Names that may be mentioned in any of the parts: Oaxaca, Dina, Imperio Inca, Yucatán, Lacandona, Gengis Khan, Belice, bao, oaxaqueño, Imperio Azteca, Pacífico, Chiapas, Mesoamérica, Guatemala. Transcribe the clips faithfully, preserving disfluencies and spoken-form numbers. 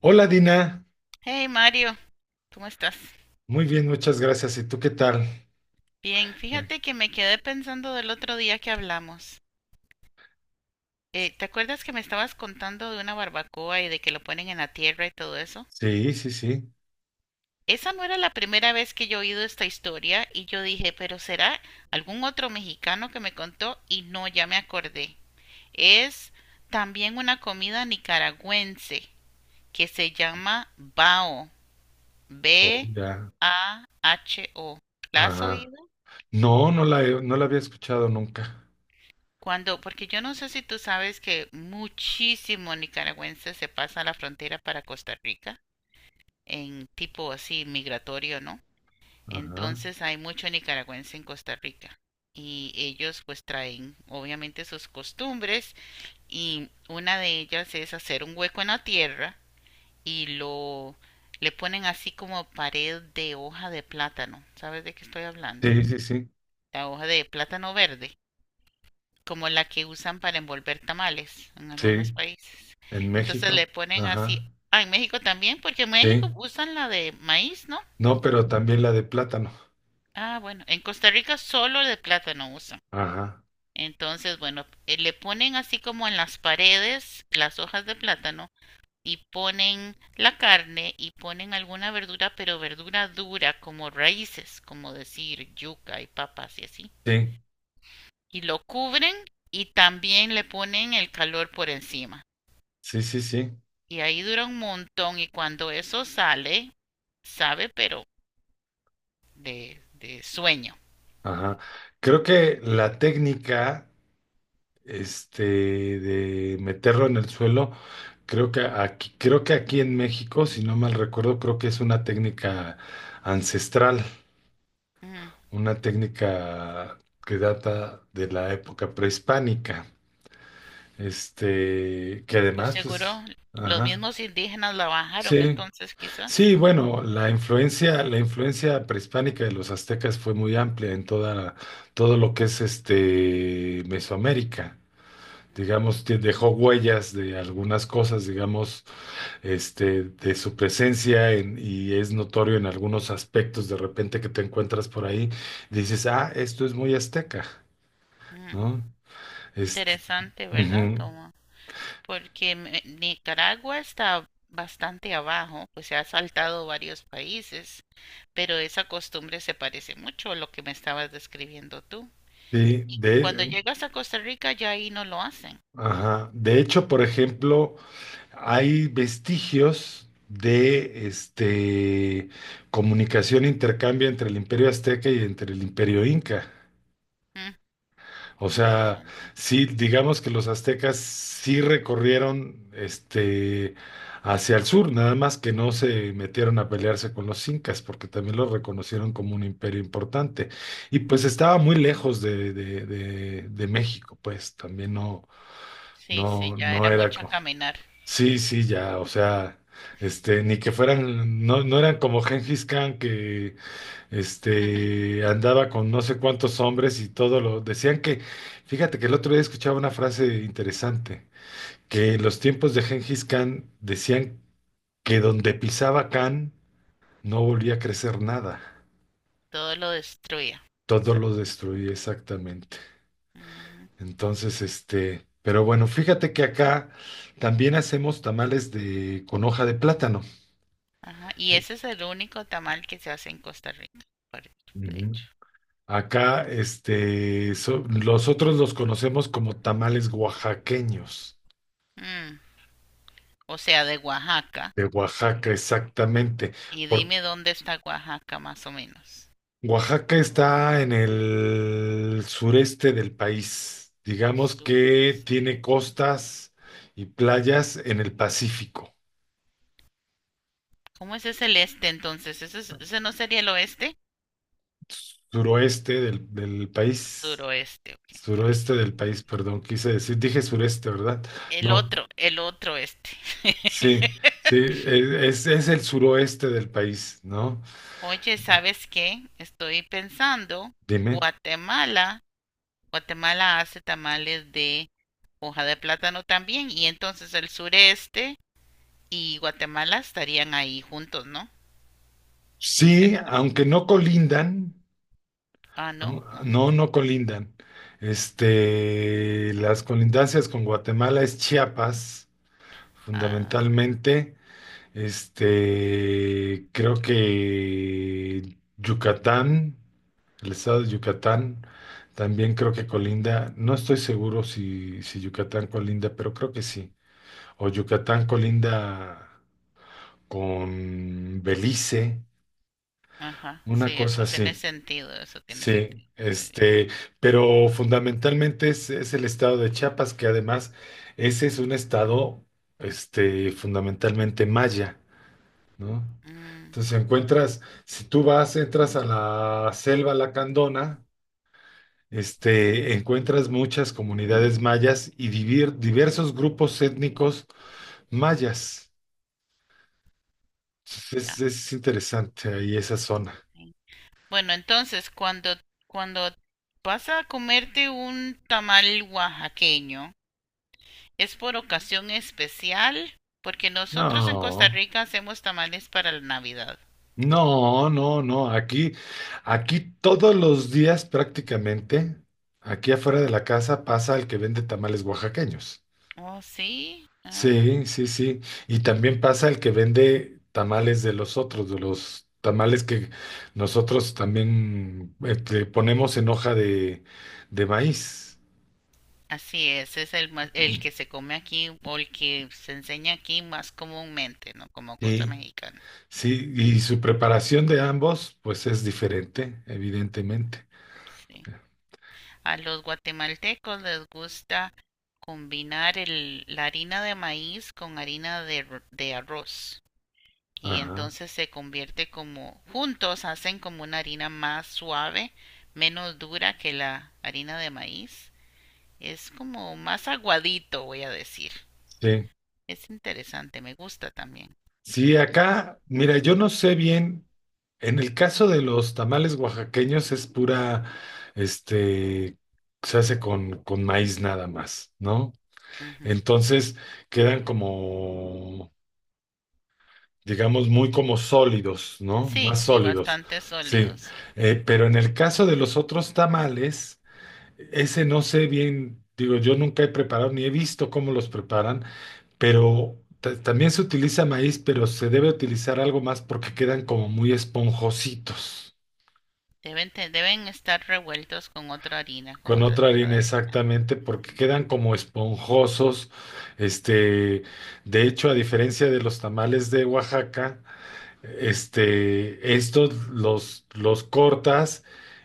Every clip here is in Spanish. Hola Dina, Hey Mario, ¿cómo estás? muy bien, muchas gracias. ¿Y tú qué tal? Bien, fíjate que me quedé pensando del otro día que hablamos. Eh, ¿te acuerdas que me estabas contando de una barbacoa y de que lo ponen en la tierra y todo eso? Sí, sí, sí. Esa no era la primera vez que yo he oído esta historia y yo dije, pero será algún otro mexicano que me contó y no, ya me acordé. Es también una comida nicaragüense que se llama bao, Oh, B ya. A H O. ¿La has Ajá. oído? No, no la, he- no la había escuchado nunca. Cuando, porque yo no sé si tú sabes que muchísimo nicaragüense se pasa la frontera para Costa Rica en tipo así migratorio, ¿no? Ajá. Entonces hay mucho nicaragüense en Costa Rica y ellos pues traen obviamente sus costumbres y una de ellas es hacer un hueco en la tierra y lo le ponen así como pared de hoja de plátano. ¿Sabes de qué estoy hablando? Sí, sí, sí. La hoja de plátano verde como la que usan para envolver tamales en algunos Sí, países. en Entonces México. le ponen así, Ajá. ah, en México también, porque en Sí. México usan la de maíz, ¿no? No, pero también la de plátano. Ah, bueno, en Costa Rica solo de plátano usan. Ajá. Entonces, bueno, eh, le ponen así como en las paredes las hojas de plátano y ponen la carne y ponen alguna verdura, pero verdura dura, como raíces, como decir yuca y papas y así. Sí, Y lo cubren y también le ponen el calor por encima. sí, sí, sí. Y ahí dura un montón y cuando eso sale, sabe, pero de, de sueño. Ajá. Creo que la técnica este, de meterlo en el suelo. Creo que aquí, creo que aquí en México, si no mal recuerdo, creo que es una técnica ancestral, Mm, una técnica que data de la época prehispánica. Este, que pues además, seguro pues, los ajá. mismos indígenas la bajaron Sí, entonces quizás. sí, bueno, la influencia, la influencia prehispánica de los aztecas fue muy amplia en toda, todo lo que es este Mesoamérica. Digamos, que dejó huellas de algunas cosas, digamos, este, de su presencia en- y es notorio en algunos aspectos de repente que te encuentras por ahí, dices, ah, esto es muy azteca, Mm, ¿no? Este, interesante, ¿verdad? ujú, Como porque me- Nicaragua está bastante abajo, pues se ha saltado varios países, pero esa costumbre se parece mucho a lo que me estabas describiendo tú. sí, Y cuando de, llegas a Costa Rica ya ahí no lo hacen. ajá. De hecho, por ejemplo, hay vestigios de este comunicación e intercambio entre el Imperio Azteca y entre el Imperio Inca. Mm, O sea, interesante. sí, digamos que los aztecas sí recorrieron este hacia el sur, nada más que no se metieron a pelearse con los incas, porque también los reconocieron como un imperio importante. Y Mm, pues estaba muy lejos de, de, de, de México, pues también no. sí, sí, no, ya no era era mucho co- caminar. Sí, sí, ya, o sea, este, ni que fueran, no, no eran como Gengis Khan. Este, andaba con no sé cuántos hombres y todo lo decían que, fíjate que el otro día escuchaba una frase interesante, que en los tiempos de Gengis Khan decían que donde pisaba Khan no volvía a crecer nada, Todo lo destruía. todo lo destruía exactamente. Ujú, Entonces, este, pero bueno, fíjate que acá también hacemos tamales de con hoja de plátano. ajá. Y Eh, ese es el único tamal que se hace en Costa Rica, pare- de ujú. hecho. Acá, este, so- nosotros los conocemos como tamales oaxaqueños. Mm, o sea, de Oaxaca. De Oaxaca, exactamente. Y Por dime dónde está Oaxaca, más o menos. Oaxaca está en el sureste del país. Digamos que Sureste. tiene costas y playas en el Pacífico, ¿Cómo ese es el este entonces? ¿Ese, es- ese no sería el oeste? suroeste del, del país. Suroeste, ok, muy bien. Suroeste del país, perdón, quise decir, dije sureste, ¿verdad? El No, otro, el otro este. sí, sí, e, es, es el suroeste del país, ¿no? Oye, ¿sabes qué? Estoy pensando, Dime. Guatemala, Guatemala hace tamales de hoja de plátano también, y entonces el sureste y Guatemala estarían ahí juntos, ¿no? Muy Sí, cerca. aunque no colindan. Ah, no. Ah, No, no colindan. Este, las colindancias con Guatemala es Chiapas, ah, fundamentalmente. Este, creo que Yucatán, el estado de Yucatán, también creo que colinda. No estoy seguro si, si Yucatán colinda, pero creo que sí. O Yucatán colinda con Belice, ajá, sí, una cosa eso tiene así. sentido, eso tiene Sí, sentido. Muy bien. este, pero fundamentalmente es, es el estado de Chiapas, que además ese es un estado, este, fundamentalmente maya, ¿no? Mm, Entonces si encuentras, si tú vas, entras a la selva Lacandona, este, encuentras muchas comunidades mayas y divir- diversos grupos étnicos mayas. ya. Es, es interesante ahí esa zona. Sí. Bueno, entonces cuando, cuando vas a comerte un tamal oaxaqueño, ¿es por ocasión especial? Porque nosotros en Costa No. Rica hacemos tamales para la Navidad. No, no, no. Aquí, aquí todos los días prácticamente, aquí afuera de la casa pasa el que vende tamales oaxaqueños. Oh, sí. Ah, Sí, sí, sí. Y también pasa el que vende tamales de los otros, de los tamales que nosotros también este, ponemos en hoja de, de maíz. así es, es el más, el que se come aquí o el que se enseña aquí más comúnmente, ¿no? Como cosa Sí, mexicana. sí. Y su preparación de ambos, pues es diferente, evidentemente. Sí. A los guatemaltecos les gusta combinar el, la harina de maíz con harina de, r- de arroz y Ajá. entonces se convierte como, juntos hacen como una harina más suave, menos dura que la harina de maíz. Es como más aguadito, voy a decir. Sí. Es interesante, me gusta también. Sí, acá, mira, yo no sé bien, en el caso de los tamales oaxaqueños es pura, este, se hace con, con maíz nada más, ¿no? Ujú. Entonces quedan como, digamos, muy como sólidos, ¿no? Sí, Más sí, sólidos, bastante sí. sólidos, sí. Eh, pero en el caso de los otros tamales, ese no sé bien, digo, yo nunca he preparado ni he visto cómo los preparan, pero ta- también se utiliza maíz, pero se debe utilizar algo más porque quedan como muy esponjositos. Deben, te- deben estar revueltos con otra harina, con Con otro otra tipo de harina harina. exactamente, porque Ujú, quedan como esponjosos. Este, de hecho, a diferencia de los tamales de Oaxaca, este, estos los, los cortas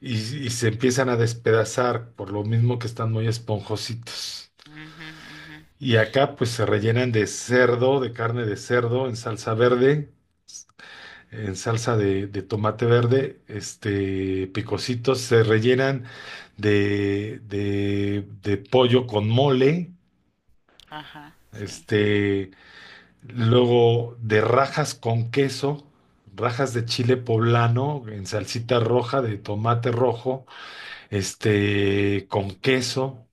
y, y se empiezan a despedazar, por lo mismo que están muy esponjositos. ujú, ujú. Y acá pues se rellenan de cerdo, de carne de cerdo en salsa verde, en salsa de, de tomate verde, este, picositos, se rellenan de, de, de pollo con mole, Ajá, sí. este, luego de rajas con queso, rajas de chile poblano en salsita roja de tomate rojo, este, con queso,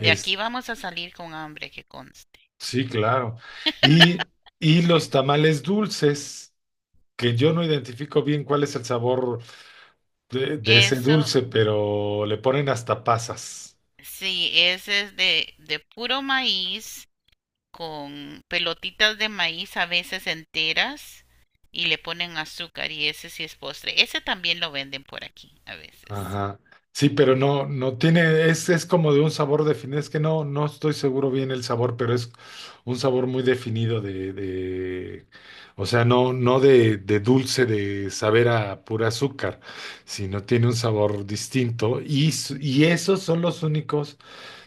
De aquí vamos a salir con hambre, que conste. sí, claro, y, y los tamales dulces. Que yo no identifico bien cuál es el sabor De, de ese Eso, dulce, pero le ponen hasta pasas. sí, ese es de, de puro maíz, con pelotitas de maíz a veces enteras y le ponen azúcar y ese sí es postre. Ese también lo venden por aquí a veces. Ajá. Sí, pero no, no tiene, es, es como de un sabor definido. Es que no, no estoy seguro bien el sabor, pero es un sabor muy definido de, de, o sea, no, no de, de dulce de saber a pura azúcar, sino tiene un sabor distinto. Y, s- y esos son los únicos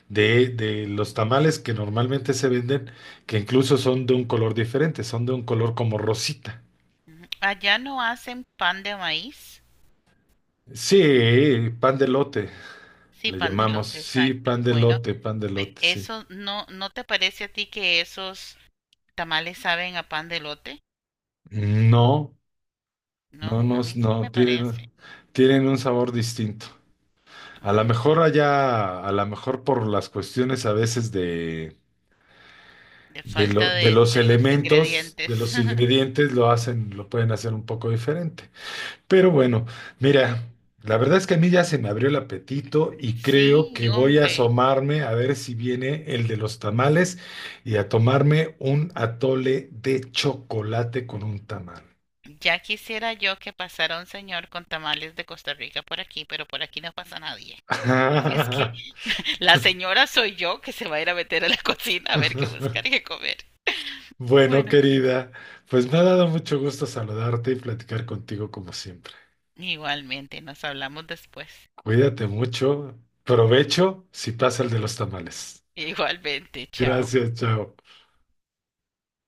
de, de los tamales que normalmente se venden, que incluso son de un color diferente, son de un color como rosita. Ujú. Allá no hacen pan de maíz. Sí, pan de lote, Sí, le pan de llamamos. elote, Sí, exacto. pan de Bueno, lote, pan de pe- lote, sí. eso no, ¿no te parece a ti que esos tamales saben a pan de elote? No, No, no, a no, mí sí no, me parece. tienen, tienen un sabor distinto. A lo Mm, mejor allá, a lo mejor por las cuestiones a veces de, de de, lo- falta de de, los de los elementos, de ingredientes. los ingredientes, lo hacen, lo pueden hacer un poco diferente. Pero bueno, mira, la verdad es que a mí ya se me abrió el apetito y creo Sí, que voy a hombre. asomarme a ver si viene el de los tamales y a tomarme un atole de chocolate con un tamal. Ya quisiera yo que pasara un señor con tamales de Costa Rica por aquí, pero por aquí no pasa nadie. Así es que la señora soy yo que se va a ir a meter a la cocina a ver qué buscar y qué comer. Bueno, Bueno, chicos. querida, pues me ha dado mucho gusto saludarte y platicar contigo como siempre. Igualmente, nos hablamos después. Cuídate mucho, provecho si pasa el de los tamales. Igualmente, chao. Gracias, chao.